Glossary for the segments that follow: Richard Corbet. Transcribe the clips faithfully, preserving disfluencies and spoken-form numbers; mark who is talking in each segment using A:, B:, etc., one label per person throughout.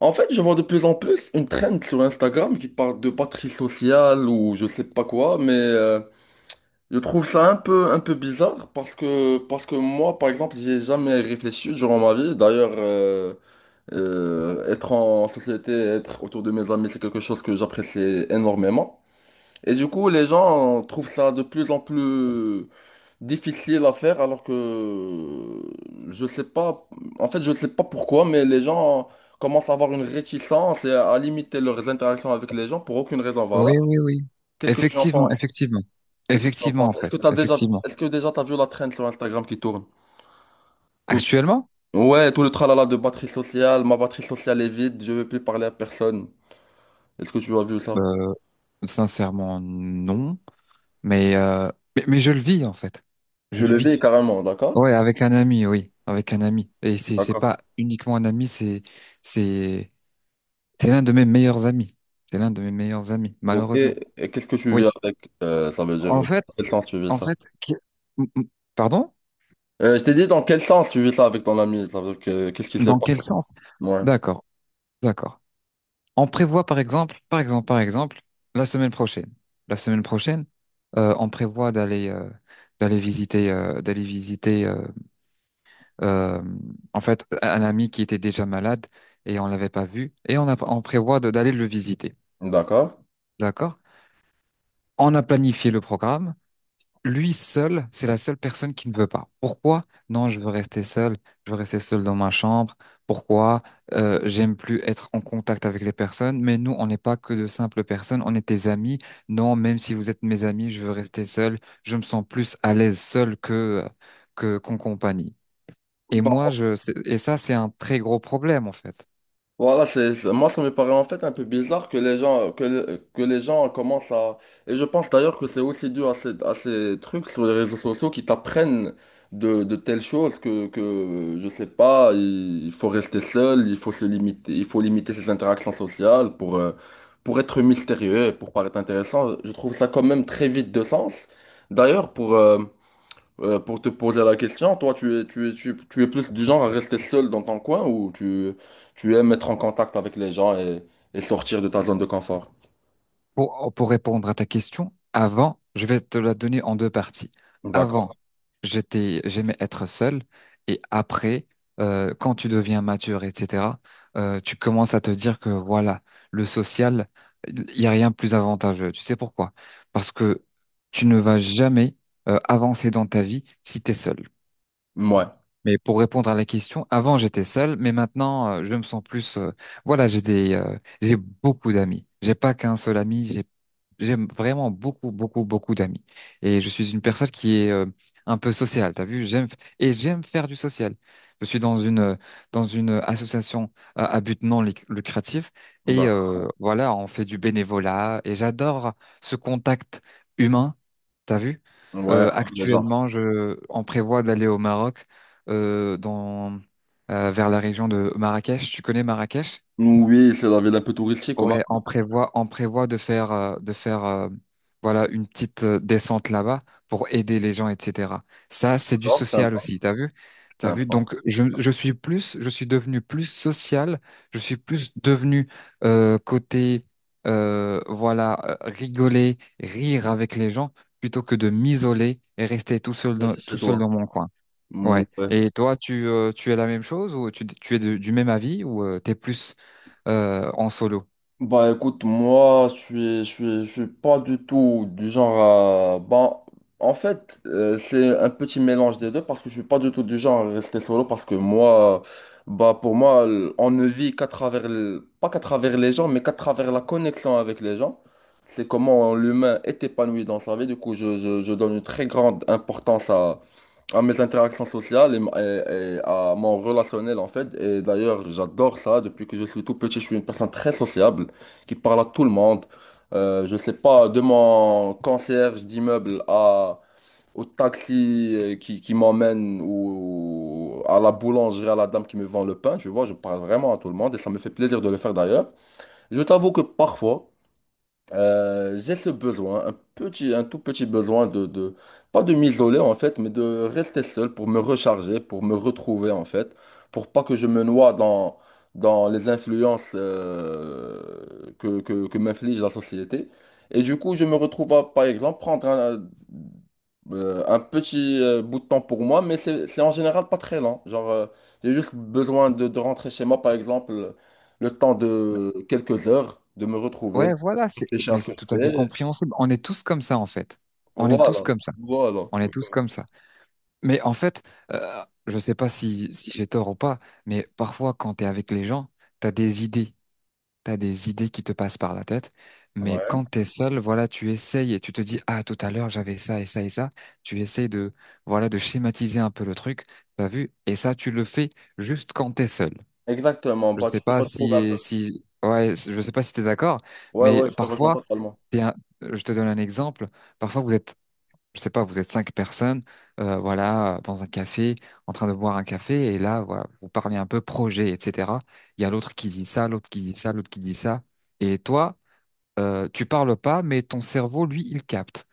A: En fait, je vois de plus en plus une trend sur Instagram qui parle de patrie sociale ou je sais pas quoi, mais euh, je trouve ça un peu, un peu bizarre parce que, parce que moi, par exemple, j'ai jamais réfléchi durant ma vie. D'ailleurs, euh, euh, être en société, être autour de mes amis, c'est quelque chose que j'apprécie énormément. Et du coup, les gens trouvent ça de plus en plus difficile à faire alors que je sais pas, en fait je sais pas pourquoi, mais les gens commencent à avoir une réticence et à limiter leurs interactions avec les gens pour aucune raison
B: Oui,
A: valable.
B: oui, oui.
A: Qu'est-ce que tu en
B: Effectivement,
A: penses?
B: effectivement.
A: Qu'est-ce que tu en
B: Effectivement, en
A: penses? Est-ce
B: fait.
A: que t'as déjà,
B: Effectivement.
A: est-ce que déjà t'as vu la traîne sur Instagram qui tourne? Tout,
B: Actuellement,
A: ouais, tout le tralala de batterie sociale, ma batterie sociale est vide, je veux plus parler à personne. Est-ce que tu as vu ça?
B: euh, Sincèrement, non. Mais, euh, mais, mais je le vis, en fait. Je
A: Tu
B: le
A: le
B: vis.
A: vis carrément, d'accord?
B: Ouais, avec un ami, oui. Avec un ami. Et c'est, c'est
A: D'accord.
B: pas uniquement un ami, c'est, c'est, c'est l'un de mes meilleurs amis. C'est l'un de mes meilleurs amis,
A: Ok,
B: malheureusement.
A: et qu'est-ce que tu
B: Oui.
A: vis avec? Euh, ça veut dire,
B: En
A: à
B: fait,
A: quel sens tu vis
B: en
A: ça?
B: fait, qui- m- m- pardon?
A: Euh, je t'ai dit dans quel sens tu vis ça avec ton ami, ça veut dire que qu'est-ce qui s'est
B: Dans quel
A: passé?
B: sens?
A: Ouais,
B: D'accord, d'accord. On prévoit par exemple, par exemple, par exemple, la semaine prochaine. La semaine prochaine, euh, on prévoit d'aller euh, d'aller visiter euh, d'aller visiter euh, euh, en fait un ami qui était déjà malade et on l'avait pas vu et on a, on prévoit de- d'aller le visiter.
A: d'accord.
B: D'accord? On a planifié le programme. Lui seul, c'est la seule personne qui ne veut pas. Pourquoi? Non, je veux rester seul. Je veux rester seul dans ma chambre. Pourquoi? Euh, j'aime plus être en contact avec les personnes. Mais nous, on n'est pas que de simples personnes. On est tes amis. Non, même si vous êtes mes amis, je veux rester seul. Je me sens plus à l'aise seul que que qu'en compagnie. Et moi,
A: Bon,
B: je, c'est- et ça, c'est un très gros problème en fait.
A: voilà, c'est, c'est- moi ça me paraît en fait un peu bizarre que les gens que, le- que les gens commencent à et je pense d'ailleurs que c'est aussi dû à ces, à ces trucs sur les réseaux sociaux qui t'apprennent de, de telles choses que que je sais pas, il, il faut rester seul, il faut se limiter, il faut limiter ses interactions sociales pour euh, pour être mystérieux, et pour paraître intéressant. Je trouve ça quand même très vide de sens. D'ailleurs pour euh, Euh, pour te poser la question, toi, tu es, tu es, tu, es tu es plus du genre à rester seul dans ton coin ou tu, tu aimes être en contact avec les gens et, et sortir de ta zone de confort?
B: Pour, oh, pour répondre à ta question, avant, je vais te la donner en deux parties.
A: D'accord.
B: Avant, j'étais, j'aimais être seul, et après, euh, quand tu deviens mature, et cetera, euh, tu commences à te dire que voilà, le social, il n'y a rien de plus avantageux. Tu sais pourquoi? Parce que tu ne vas jamais, euh, avancer dans ta vie si tu es seul.
A: Ouais.
B: Mais pour répondre à la question, avant j'étais seul, mais maintenant euh, je me sens plus. Euh, voilà, j'ai des, euh, j'ai beaucoup d'amis. J'ai pas qu'un seul ami. J'ai, j'ai vraiment beaucoup, beaucoup, beaucoup d'amis. Et je suis une personne qui est euh, un peu sociale. T'as vu? J'aime et j'aime faire du social. Je suis dans une euh, dans une association euh, à but non luc- lucratif et
A: D'accord.
B: euh, voilà, on fait du bénévolat et j'adore ce contact humain. T'as vu?
A: Ouais,
B: Euh,
A: avec les gens.
B: actuellement, je, on prévoit d'aller au Maroc euh, dans euh, vers la région de Marrakech. Tu connais Marrakech?
A: Oui, c'est la ville un peu touristique, comment?
B: Ouais, on prévoit on prévoit de faire euh, de faire euh, voilà une petite euh, descente là-bas pour aider les gens, et cetera. Ça, c'est du
A: D'accord,
B: social
A: sympa.
B: aussi, t'as vu? T'as vu?
A: Sympa.
B: Donc je, je suis plus je suis devenu plus social, je suis plus devenu euh, côté euh, voilà euh, rigoler, rire avec les gens plutôt que de m'isoler et rester tout seul dans,
A: Reste chez
B: tout seul
A: toi.
B: dans mon coin. Ouais.
A: Ouais.
B: Et toi, tu, euh, tu es la même chose ou tu, tu es de- du même avis ou euh, t'es plus euh, en solo?
A: Bah écoute, moi, je suis, je suis, je suis pas du tout du genre à... Bah, en fait, euh, c'est un petit mélange des deux parce que je suis pas du tout du genre à rester solo parce que moi, bah pour moi, l- on ne vit qu'à travers, le- pas qu'à travers les gens, mais qu'à travers la connexion avec les gens. C'est comment l'humain est épanoui dans sa vie. Du coup, je, je, je donne une très grande importance à mes interactions sociales et, et- et à mon relationnel en fait. Et d'ailleurs, j'adore ça. Depuis que je suis tout petit, je suis une personne très sociable qui parle à tout le monde. Euh, je sais pas, de mon concierge d'immeuble à au taxi euh, qui, qui m'emmène ou à la boulangerie, à la dame qui me vend le pain, tu vois, je parle vraiment à tout le monde et ça me fait plaisir de le faire d'ailleurs. Je t'avoue que parfois, euh, j'ai ce besoin, un petit, un tout petit besoin de, de- pas de m'isoler en fait, mais de rester seul pour me recharger, pour me retrouver en fait, pour pas que je me noie dans, dans les influences euh, que, que, que m'inflige la société. Et du coup, je me retrouve à, par exemple, prendre un, euh, un petit euh, bout de temps pour moi, mais c'est c'est en général pas très lent. Genre, euh, j'ai juste besoin de, de rentrer chez moi, par exemple, le temps de quelques heures, de me retrouver.
B: Ouais, voilà, c'est, mais
A: Richard
B: c'est tout à fait
A: Corbet.
B: compréhensible. On est tous comme ça, en fait. On est tous
A: Voilà,
B: comme ça.
A: voilà.
B: On est tous comme ça. Mais en fait, euh, je sais pas si, si j'ai tort ou pas, mais parfois, quand t'es avec les gens, t'as des idées. t'as des idées qui te passent par la tête, mais
A: Ouais,
B: quand t'es seul, voilà, tu essayes et tu te dis, ah, tout à l'heure, j'avais ça et ça et ça. Tu essayes de, voilà, de schématiser un peu le truc, t'as vu? Et ça, tu le fais juste quand t'es seul.
A: exactement.
B: Je
A: Bah,
B: sais
A: tu te
B: pas
A: retrouves un
B: si,
A: peu.
B: si, ouais, je sais pas si t'es d'accord,
A: Ouais,
B: mais
A: ouais, je te rejoins
B: parfois,
A: totalement.
B: t'es un- je te donne un exemple. Parfois, vous êtes je sais pas, vous êtes cinq personnes, euh, voilà, dans un café, en train de boire un café, et là, voilà, vous parlez un peu projet, et cetera. Il y a l'autre qui dit ça, l'autre qui dit ça, l'autre qui dit ça, et toi, euh, tu parles pas, mais ton cerveau, lui, il capte.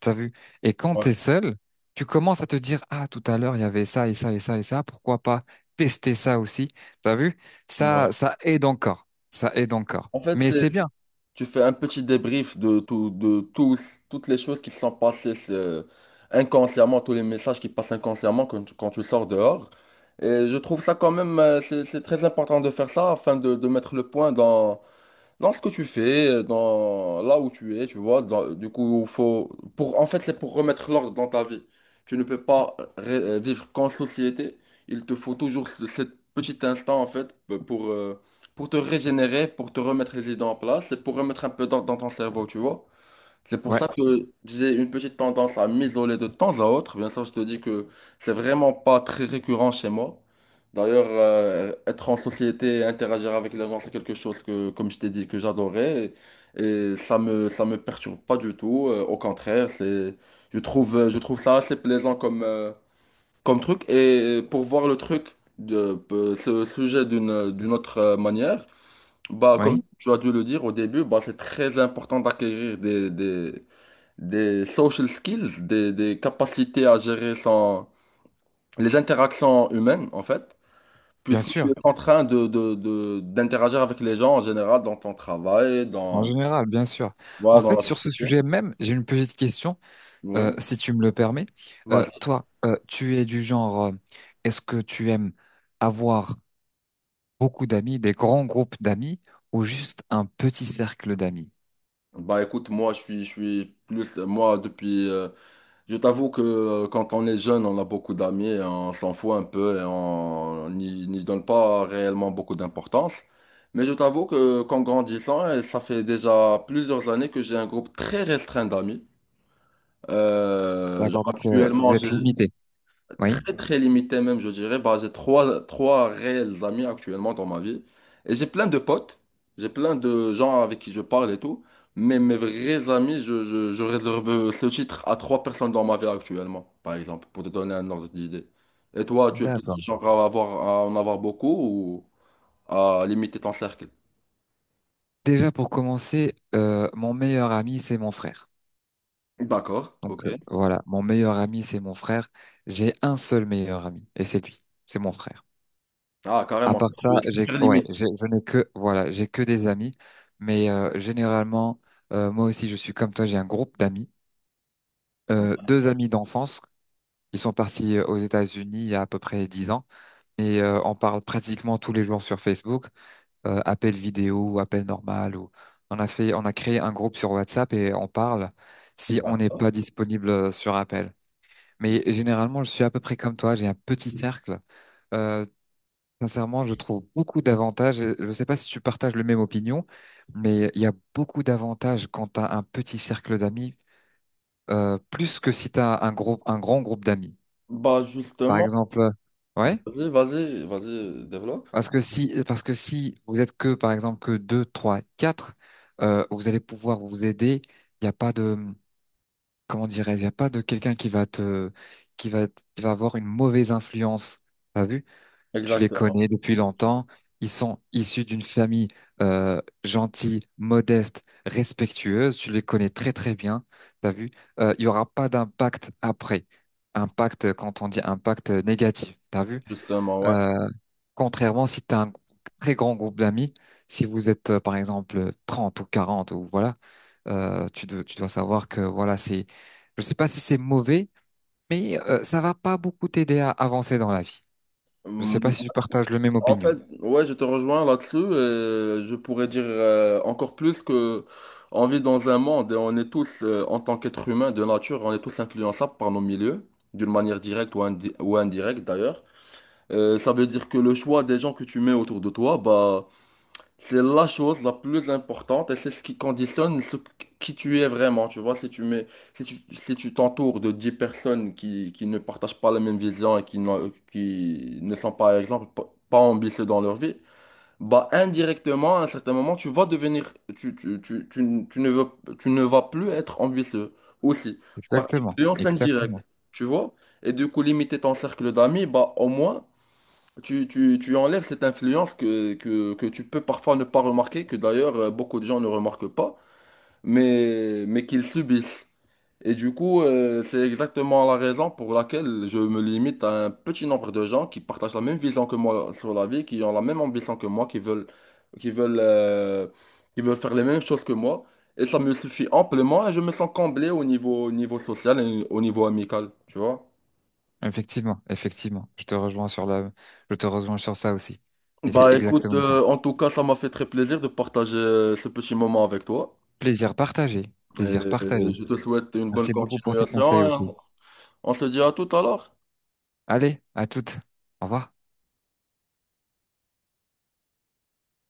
B: T'as vu? Et quand
A: Ouais,
B: t'es seul, tu commences à te dire, ah, tout à l'heure, il y avait ça et ça et ça et ça, pourquoi pas tester ça aussi? T'as vu? Ça,
A: ouais.
B: ça aide encore. Ça aide encore.
A: En fait,
B: Mais
A: c'est,
B: c'est bien.
A: tu fais un petit débrief de tout, de tous, toutes les choses qui se sont passées c'est, inconsciemment, tous les messages qui passent inconsciemment quand tu, quand tu sors dehors. Et je trouve ça quand même, euh, c'est, c'est très important de faire ça afin de, de mettre le point dans, dans ce que tu fais, euh, dans là où tu es, tu vois, dans- du coup, faut pour en fait, c'est pour remettre l'ordre dans ta vie. Tu ne peux pas ré- euh, vivre qu'en société. Il te faut toujours ce cet petit instant en fait euh, pour euh, pour te régénérer, pour te remettre les idées en place et pour remettre un peu d'ordre dans ton cerveau, tu vois. C'est pour
B: Ouais,
A: ça que j'ai une petite tendance à m'isoler de temps à autre. Bien sûr, je te dis que c'est vraiment pas très récurrent chez moi. D'ailleurs, euh, être en société et interagir avec les gens, c'est quelque chose que, comme je t'ai dit, que j'adorais. Et, et ça me, ça me perturbe pas du tout. Euh, au contraire, c'est, je trouve, je trouve ça assez plaisant comme, euh, comme truc. Et pour voir le truc, de, euh, ce sujet d'une, d'une autre euh, manière, bah, comme
B: oui,
A: tu as dû le dire au début, bah, c'est très important d'acquérir des, des- des social skills, des, des capacités à gérer son, les interactions humaines, en fait,
B: bien
A: puisque tu es
B: sûr.
A: en train de, de, de- d'interagir avec les gens en général dans ton travail,
B: En
A: dans,
B: général, bien sûr. En
A: voilà, dans
B: fait,
A: la
B: sur ce
A: société.
B: sujet même, j'ai une petite question,
A: Oui.
B: euh, si tu me le permets. Euh,
A: Vas-y.
B: toi, euh, tu es du genre, euh, est-ce que tu aimes avoir beaucoup d'amis, des grands groupes d'amis, ou juste un petit cercle d'amis?
A: Bah écoute, moi je suis, je suis plus, moi depuis, euh, je t'avoue que euh, quand on est jeune, on a beaucoup d'amis et on s'en fout un peu et on n'y n'y donne pas réellement beaucoup d'importance. Mais je t'avoue que qu'en grandissant, et ça fait déjà plusieurs années que j'ai un groupe très restreint d'amis. Euh,
B: D'accord,
A: genre
B: donc euh, vous
A: actuellement, j'ai
B: êtes limité. Oui.
A: très très limité même, je dirais. Bah, j'ai trois, trois réels amis actuellement dans ma vie. Et j'ai plein de potes, j'ai plein de gens avec qui je parle et tout. Mais mes vrais amis, je, je, je réserve ce titre à trois personnes dans ma vie actuellement, par exemple, pour te donner un ordre d'idée. Et toi, tu es plutôt
B: D'accord.
A: genre à avoir, à en avoir beaucoup ou à limiter ton cercle?
B: Déjà pour commencer, euh, mon meilleur ami, c'est mon frère.
A: D'accord,
B: Donc euh,
A: ok.
B: voilà, mon meilleur ami, c'est mon frère. J'ai un seul meilleur ami, et c'est lui, c'est mon frère.
A: Ah,
B: À
A: carrément,
B: part ça,
A: tu es
B: j'ai,
A: super
B: ouais,
A: limité.
B: j'ai- je n'ai que, voilà, j'ai que des amis. Mais euh, généralement, euh, moi aussi, je suis comme toi, j'ai un groupe d'amis. Euh, deux amis d'enfance, ils sont partis euh, aux États-Unis il y a à peu près dix ans. Et euh, on parle pratiquement tous les jours sur Facebook, euh, appel vidéo ou appel normal. Ou... On a fait, on a créé un groupe sur WhatsApp et on parle si on n'est
A: D'accord.
B: pas disponible euh, sur appel. Mais généralement, je suis à peu près comme toi, j'ai un petit cercle. Euh, Sincèrement, je trouve beaucoup d'avantages. Je ne sais pas si tu partages le même opinion, mais il y a beaucoup d'avantages quand tu as un petit cercle d'amis, euh, plus que si tu as un gros, un grand groupe d'amis.
A: Bah
B: Par
A: justement,
B: exemple, euh, ouais,
A: vas-y, vas-y, vas-y, développe.
B: parce que si, parce que si vous êtes que, par exemple, que deux, trois, quatre, euh, vous allez pouvoir vous aider. Il n'y a pas de, comment dirais-je, il n'y a pas de quelqu'un qui va te, qui va, qui va avoir une mauvaise influence. T'as vu? Tu les
A: Exactement.
B: connais depuis longtemps. Ils sont issus d'une famille euh, gentille, modeste, respectueuse. Tu les connais très très bien. T'as vu? Euh, Il y aura pas d'impact après. Impact, euh, quand on dit impact euh, négatif, t'as vu?
A: Justement, ouais.
B: Euh, Contrairement si t'as un très grand groupe d'amis, si vous êtes euh, par exemple trente ou quarante ou voilà, euh, tu, dois- tu dois savoir que voilà, c'est, je sais pas si c'est mauvais, mais euh, ça va pas beaucoup t'aider à avancer dans la vie. Je sais
A: Mm,
B: pas si tu partages le même
A: en
B: opinion.
A: fait, ouais, je te rejoins là-dessus. Euh, je pourrais dire euh, encore plus que on vit dans un monde et on est tous, euh, en tant qu'être humain de nature, on est tous influençables par nos milieux, d'une manière directe ou, indi- ou indirecte d'ailleurs. Euh, ça veut dire que le choix des gens que tu mets autour de toi, bah, c'est la chose la plus importante et c'est ce qui conditionne ce que- qui tu es vraiment. Tu vois, si tu mets, si tu, si tu t'entoures de dix personnes qui, qui ne partagent pas la même vision et qui, n'ont- qui ne sont par exemple pas, pas ambitieux dans leur vie, bah indirectement, à un certain moment, tu vas devenir, tu, tu, tu, tu, n- tu ne veux, tu ne vas plus être ambitieux aussi. Par
B: Exactement,
A: influence indirecte,
B: exactement.
A: tu vois. Et du coup, limiter ton cercle d'amis, bah au moins. Tu, tu, tu enlèves cette influence que, que, que tu peux parfois ne pas remarquer, que d'ailleurs euh, beaucoup de gens ne remarquent pas, mais, mais qu'ils subissent. Et du coup, euh, c'est exactement la raison pour laquelle je me limite à un petit nombre de gens qui partagent la même vision que moi sur la vie, qui ont la même ambition que moi, qui veulent, qui veulent, euh, qui veulent faire les mêmes choses que moi. Et ça me suffit amplement et je me sens comblé au niveau, au niveau, social et au niveau amical, tu vois?
B: Effectivement, effectivement. Je te rejoins sur la, je te rejoins sur ça aussi. Et c'est
A: Bah écoute,
B: exactement ça.
A: euh, en tout cas, ça m'a fait très plaisir de partager euh, ce petit moment avec toi.
B: Plaisir partagé,
A: Et
B: plaisir partagé.
A: je te souhaite une bonne
B: Merci beaucoup pour tes conseils
A: continuation.
B: aussi.
A: On se dit à tout à l'heure.
B: Allez, à toutes. Au revoir.